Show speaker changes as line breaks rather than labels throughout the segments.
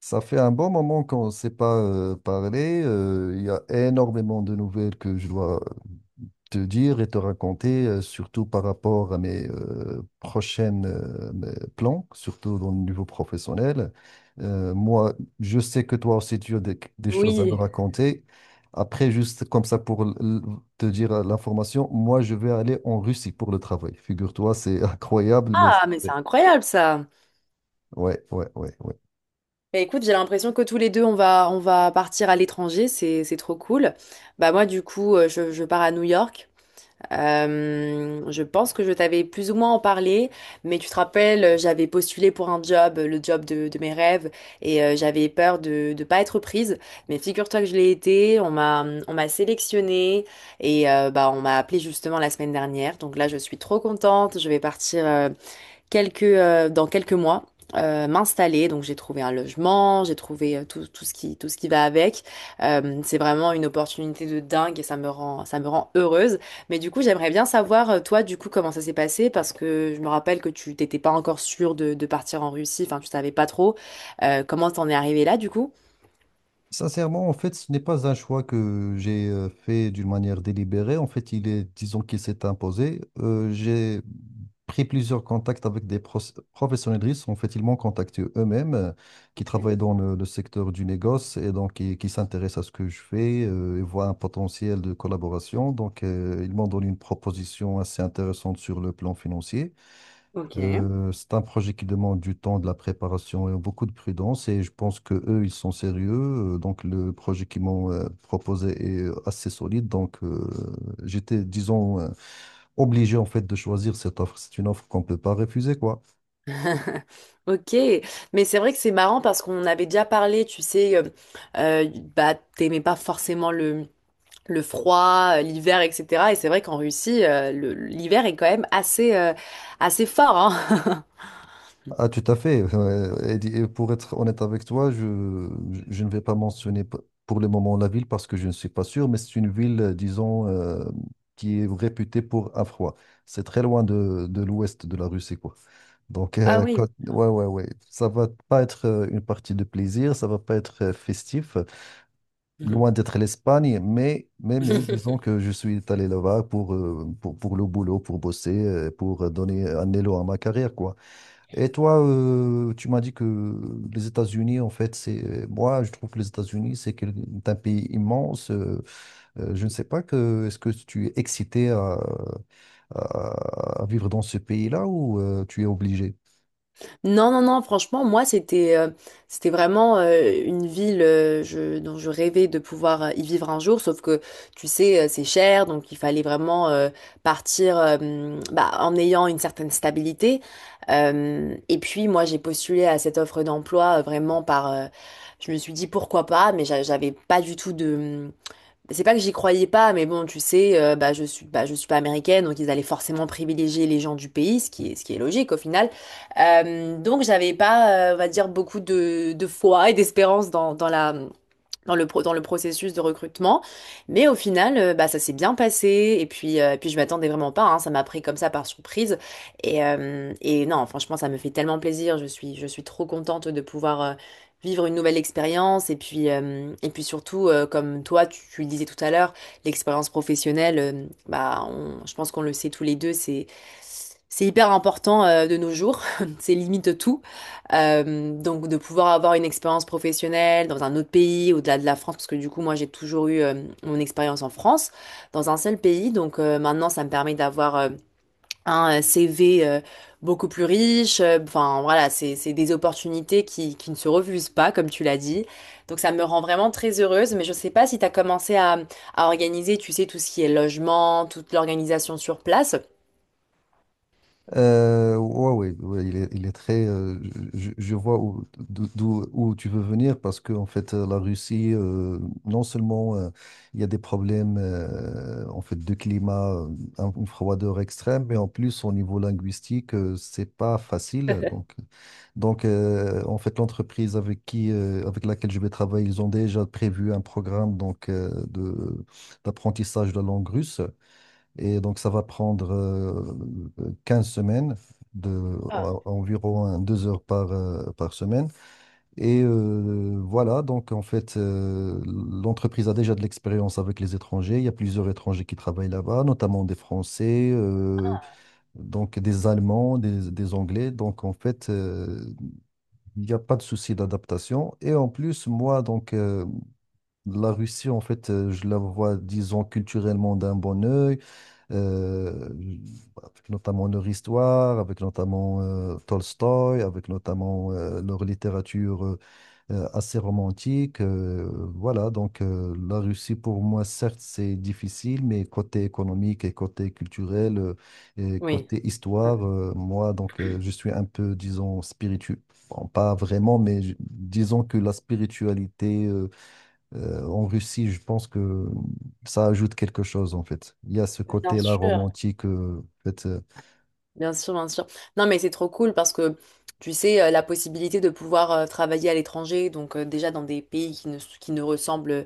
Ça fait un bon moment qu'on ne s'est pas parlé. Il y a énormément de nouvelles que je dois te dire et te raconter, surtout par rapport à mes prochaines mes plans, surtout dans le niveau professionnel. Moi, je sais que toi aussi, tu as des choses à me
Oui.
raconter. Après, juste comme ça pour te dire l'information, moi, je vais aller en Russie pour le travail. Figure-toi, c'est incroyable, mais c'est
Ah, mais c'est
vrai.
incroyable ça.
Ouais, ouais, ouais, ouais.
Bah, écoute, j'ai l'impression que tous les deux, on va partir à l'étranger. C'est trop cool. Bah moi, du coup, je pars à New York. Je pense que je t'avais plus ou moins en parlé, mais tu te rappelles, j'avais postulé pour un job, le job de mes rêves, et j'avais peur de ne pas être prise. Mais figure-toi que je l'ai été. On m'a sélectionnée et bah on m'a appelé justement la semaine dernière. Donc là, je suis trop contente. Je vais partir dans quelques mois m'installer. Donc j'ai trouvé un logement, j'ai trouvé tout, tout ce qui va avec. C'est vraiment une opportunité de dingue et ça me rend heureuse. Mais du coup, j'aimerais bien savoir, toi, du coup, comment ça s'est passé parce que je me rappelle que tu t'étais pas encore sûre de partir en Russie, enfin, tu savais pas trop. Comment t'en es arrivé là, du coup?
Sincèrement, en fait, ce n'est pas un choix que j'ai fait d'une manière délibérée. En fait, il est, disons qu'il s'est imposé. J'ai pris plusieurs contacts avec des professionnels de risque. En fait, ils m'ont contacté eux-mêmes, qui
Ok.
travaillent dans le secteur du négoce et donc qui s'intéressent à ce que je fais et voient un potentiel de collaboration. Donc, ils m'ont donné une proposition assez intéressante sur le plan financier.
Ok.
C'est un projet qui demande du temps, de la préparation et beaucoup de prudence. Et je pense que eux, ils sont sérieux. Donc le projet qu'ils m'ont proposé est assez solide. J'étais, disons, obligé en fait de choisir cette offre. C'est une offre qu'on ne peut pas refuser, quoi.
Ok, mais c'est vrai que c'est marrant parce qu'on avait déjà parlé, tu sais, bah t'aimais pas forcément le froid, l'hiver, etc. Et c'est vrai qu'en Russie, l'hiver est quand même assez fort, hein.
Ah, tout à fait. Et pour être honnête avec toi, je ne vais pas mentionner pour le moment la ville parce que je ne suis pas sûr, mais c'est une ville, disons, qui est réputée pour un froid. C'est très loin de l'ouest de la Russie, quoi.
Ah oui.
Ouais, ouais, ouais. Ça va pas être une partie de plaisir, ça va pas être festif,
Mhm.
loin d'être l'Espagne, mais disons que je suis allé là-bas pour, pour le boulot, pour bosser, pour donner un élan à ma carrière, quoi. Et toi, tu m'as dit que les États-Unis, en fait, c'est moi, je trouve que les États-Unis, c'est c'est un pays immense. Je ne sais pas que est-ce que tu es excité à, à vivre dans ce pays-là ou tu es obligé?
Non, non, non, franchement, moi, c'était vraiment une ville dont je rêvais de pouvoir y vivre un jour, sauf que, tu sais, c'est cher, donc il fallait vraiment partir bah, en ayant une certaine stabilité. Et puis, moi, j'ai postulé à cette offre d'emploi vraiment je me suis dit pourquoi pas, mais j'avais pas du tout de. C'est pas que j'y croyais pas, mais bon, tu sais, bah, bah, je suis pas américaine, donc ils allaient forcément privilégier les gens du pays, ce qui est logique au final. Donc j'avais pas, on va dire, beaucoup de foi et d'espérance dans le processus de recrutement. Mais au final, bah, ça s'est bien passé. Et puis, et puis je m'attendais vraiment pas, hein. Ça m'a pris comme ça par surprise. Et non, franchement, ça me fait tellement plaisir. Je suis trop contente de pouvoir vivre une nouvelle expérience. Et puis, et puis surtout, comme toi, tu le disais tout à l'heure, l'expérience professionnelle, bah, je pense qu'on le sait tous les deux, c'est... C'est hyper important de nos jours, c'est limite tout. Donc de pouvoir avoir une expérience professionnelle dans un autre pays, au-delà de la France, parce que du coup moi j'ai toujours eu mon expérience en France, dans un seul pays. Donc maintenant ça me permet d'avoir un CV beaucoup plus riche. Enfin voilà, c'est des opportunités qui ne se refusent pas, comme tu l'as dit. Donc ça me rend vraiment très heureuse, mais je sais pas si tu as commencé à organiser, tu sais, tout ce qui est logement, toute l'organisation sur place.
Ouais, ouais, ouais, il est très. Je vois où, d'où, où tu veux venir parce que en fait, la Russie, non seulement il y a des problèmes en fait de climat, une froideur extrême, mais en plus au niveau linguistique, c'est pas facile. Donc, en fait, l'entreprise avec qui, avec laquelle je vais travailler, ils ont déjà prévu un programme donc de d'apprentissage de la langue russe. Et donc, ça va prendre 15 semaines,
Ah,
environ hein, deux heures par, par semaine. Et voilà, donc en fait, l'entreprise a déjà de l'expérience avec les étrangers. Il y a plusieurs étrangers qui travaillent là-bas, notamment des Français, donc des Allemands, des Anglais. Donc en fait, il n'y a pas de souci d'adaptation. Et en plus, moi, la Russie, en fait, je la vois, disons, culturellement d'un bon œil euh, avec notamment leur histoire, avec notamment Tolstoï, avec notamment leur littérature assez romantique. Voilà, la Russie, pour moi, certes, c'est difficile, mais côté économique et côté culturel et
oui,
côté histoire, moi, je suis un peu, disons, spirituel. Bon, pas vraiment, mais disons que la spiritualité en Russie, je pense que ça ajoute quelque chose en fait. Il y a ce
bien
côté-là
sûr.
romantique, en fait.
Bien sûr, bien sûr. Non, mais c'est trop cool parce que tu sais, la possibilité de pouvoir travailler à l'étranger, donc déjà dans des pays qui ne ressemblent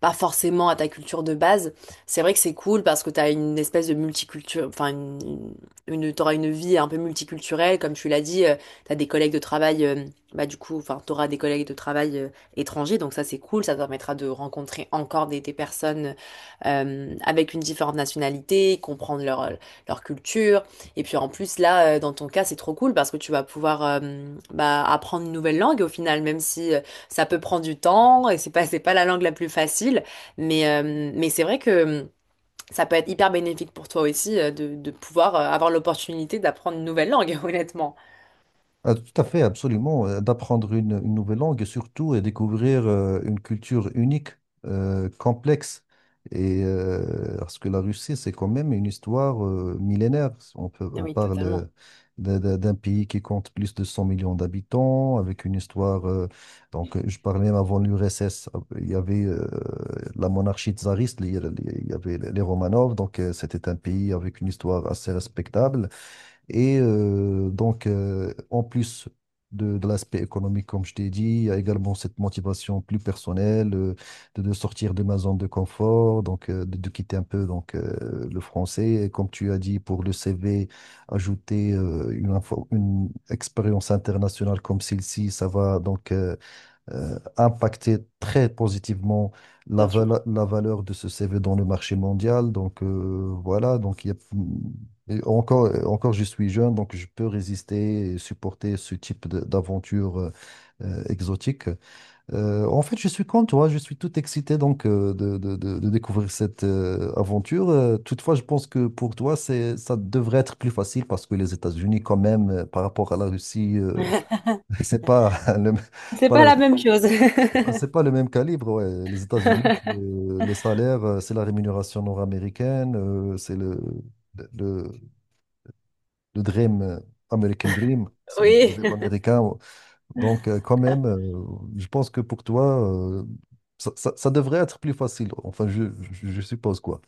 pas forcément à ta culture de base, c'est vrai que c'est cool parce que tu as une espèce de multiculture, enfin, t'auras une vie un peu multiculturelle, comme tu l'as dit, tu as des collègues de travail, bah du coup, enfin, t'auras des collègues de travail étrangers, donc ça c'est cool, ça te permettra de rencontrer encore des personnes avec une différente nationalité, comprendre leur, leur culture. Et puis en plus là, dans ton cas, c'est trop cool parce que tu vas pouvoir bah, apprendre une nouvelle langue au final, même si ça peut prendre du temps et c'est pas la langue la plus facile, mais c'est vrai que ça peut être hyper bénéfique pour toi aussi de pouvoir avoir l'opportunité d'apprendre une nouvelle langue, honnêtement.
Ah, tout à fait, absolument. D'apprendre une nouvelle langue et surtout et découvrir une culture unique, complexe. Et parce que la Russie, c'est quand même une histoire millénaire. On peut,
Ah
on
oui,
parle
totalement,
d'un pays qui compte plus de 100 millions d'habitants, avec une histoire. Je parlais même avant l'URSS, il y avait la monarchie tsariste, il y avait les Romanov. C'était un pays avec une histoire assez respectable et en plus de l'aspect économique, comme je t'ai dit, il y a également cette motivation plus personnelle de sortir de ma zone de confort, de quitter un peu le français. Et comme tu as dit, pour le CV, ajouter une expérience internationale comme celle-ci, ça va impacter très positivement
bien sûr.
la valeur de ce C V dans le marché mondial. Et encore, encore je suis jeune, donc je peux résister et supporter ce type d'aventure exotique. En fait, je suis comme toi, je suis tout excité de découvrir cette aventure. Toutefois, je pense que pour toi, c'est, ça devrait être plus facile parce que les États-Unis, quand même, par rapport à la Russie, c'est pas le,
C'est
pas
pas
la-
la même chose.
ah, c'est pas le même calibre, ouais. Les États-Unis, c'est, les salaires, c'est la rémunération nord-américaine, c'est le dream, American Dream, c'est le
Oui.
rêve américain. Donc, je pense que pour toi, euh, ça, ça devrait être plus facile. Enfin, je suppose quoi.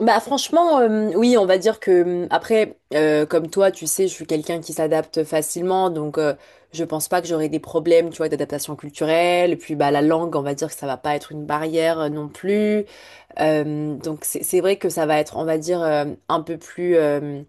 Bah franchement, oui, on va dire que après, comme toi, tu sais, je suis quelqu'un qui s'adapte facilement, donc je pense pas que j'aurai des problèmes, tu vois, d'adaptation culturelle. Et puis bah la langue, on va dire que ça va pas être une barrière non plus. Donc c'est vrai que ça va être, on va dire,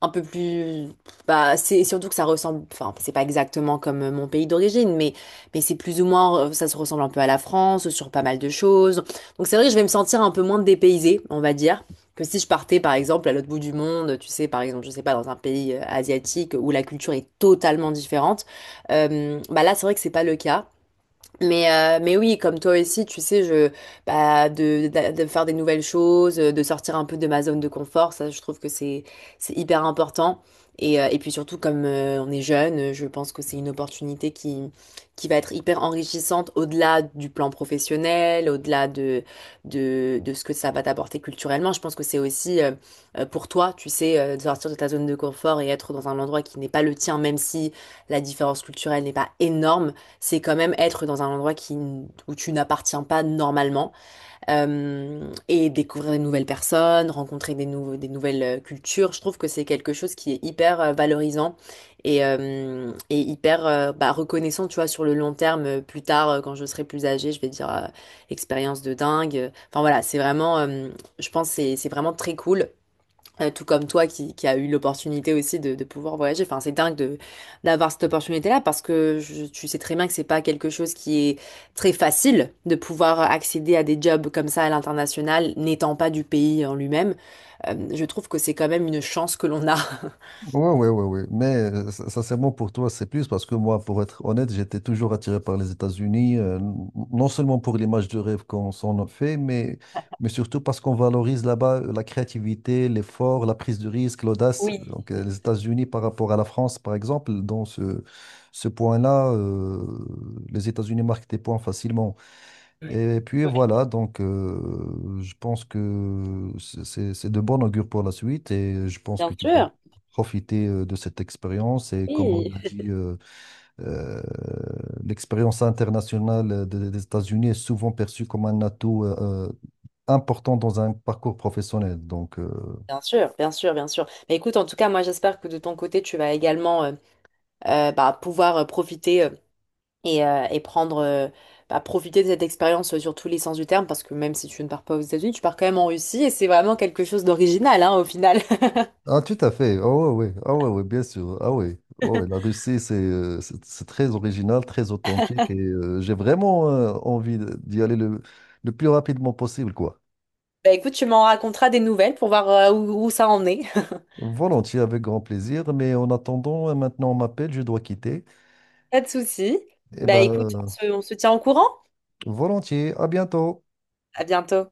un peu plus bah c'est surtout que ça ressemble enfin c'est pas exactement comme mon pays d'origine mais c'est plus ou moins ça se ressemble un peu à la France sur pas mal de choses donc c'est vrai que je vais me sentir un peu moins dépaysée on va dire que si je partais par exemple à l'autre bout du monde tu sais par exemple je sais pas dans un pays asiatique où la culture est totalement différente bah là c'est vrai que c'est pas le cas mais oui, comme toi aussi, tu sais, bah, de faire des nouvelles choses, de sortir un peu de ma zone de confort, ça, je trouve que c'est hyper important. Et puis surtout, comme on est jeune, je pense que c'est une opportunité qui va être hyper enrichissante au-delà du plan professionnel, au-delà de ce que ça va t'apporter culturellement. Je pense que c'est aussi pour toi, tu sais, de sortir de ta zone de confort et être dans un endroit qui n'est pas le tien, même si la différence culturelle n'est pas énorme, c'est quand même être dans un endroit où tu n'appartiens pas normalement et découvrir des nouvelles personnes, rencontrer des nouvelles cultures. Je trouve que c'est quelque chose qui est hyper valorisant et hyper bah, reconnaissant, tu vois, sur le long terme. Plus tard, quand je serai plus âgée, je vais dire expérience de dingue. Enfin voilà, c'est vraiment, je pense, que c'est vraiment très cool. Tout comme toi qui a eu l'opportunité aussi de pouvoir voyager. Enfin, c'est dingue de d'avoir cette opportunité-là parce que tu sais très bien que c'est pas quelque chose qui est très facile de pouvoir accéder à des jobs comme ça à l'international, n'étant pas du pays en lui-même. Je trouve que c'est quand même une chance que l'on a.
Ouais, ouais, ouais, ouais. Mais sincèrement, pour toi, c'est plus parce que moi, pour être honnête, j'étais toujours attiré par les États-Unis, non seulement pour l'image de rêve qu'on s'en a fait, mais surtout parce qu'on valorise là-bas la créativité, l'effort, la prise de risque, l'audace. Les États-Unis par rapport à la France, par exemple, dans ce point-là, les États-Unis marquent des points facilement. Et puis voilà, je pense que c'est de bon augure pour la suite et je pense que tu vas
Sûr,
profiter de cette expérience. Et comme on
oui.
a dit, euh, l'expérience internationale des États-Unis est souvent perçue comme un atout euh, important dans un parcours professionnel.
Bien sûr, bien sûr, bien sûr. Mais écoute, en tout cas, moi, j'espère que de ton côté, tu vas également bah, pouvoir et prendre, bah, profiter de cette expérience sur tous les sens du terme, parce que même si tu ne pars pas aux États-Unis, tu pars quand même en Russie et c'est vraiment quelque chose d'original, hein, au final.
Ah, tout à fait. Ah ouais, ouais. Ah ouais, ouais, bien sûr. Ah ouais. Ouais, ouais, la Russie, c'est très original, très authentique et j'ai vraiment envie d'y aller le plus rapidement possible, quoi.
Bah écoute, tu m'en raconteras des nouvelles pour voir où, où ça en est.
Volontiers, avec grand plaisir. Mais en attendant, maintenant on m'appelle, je dois quitter.
Pas de souci.
Eh
Bah
ben,
écoute, on se tient au courant.
volontiers. À bientôt.
À bientôt.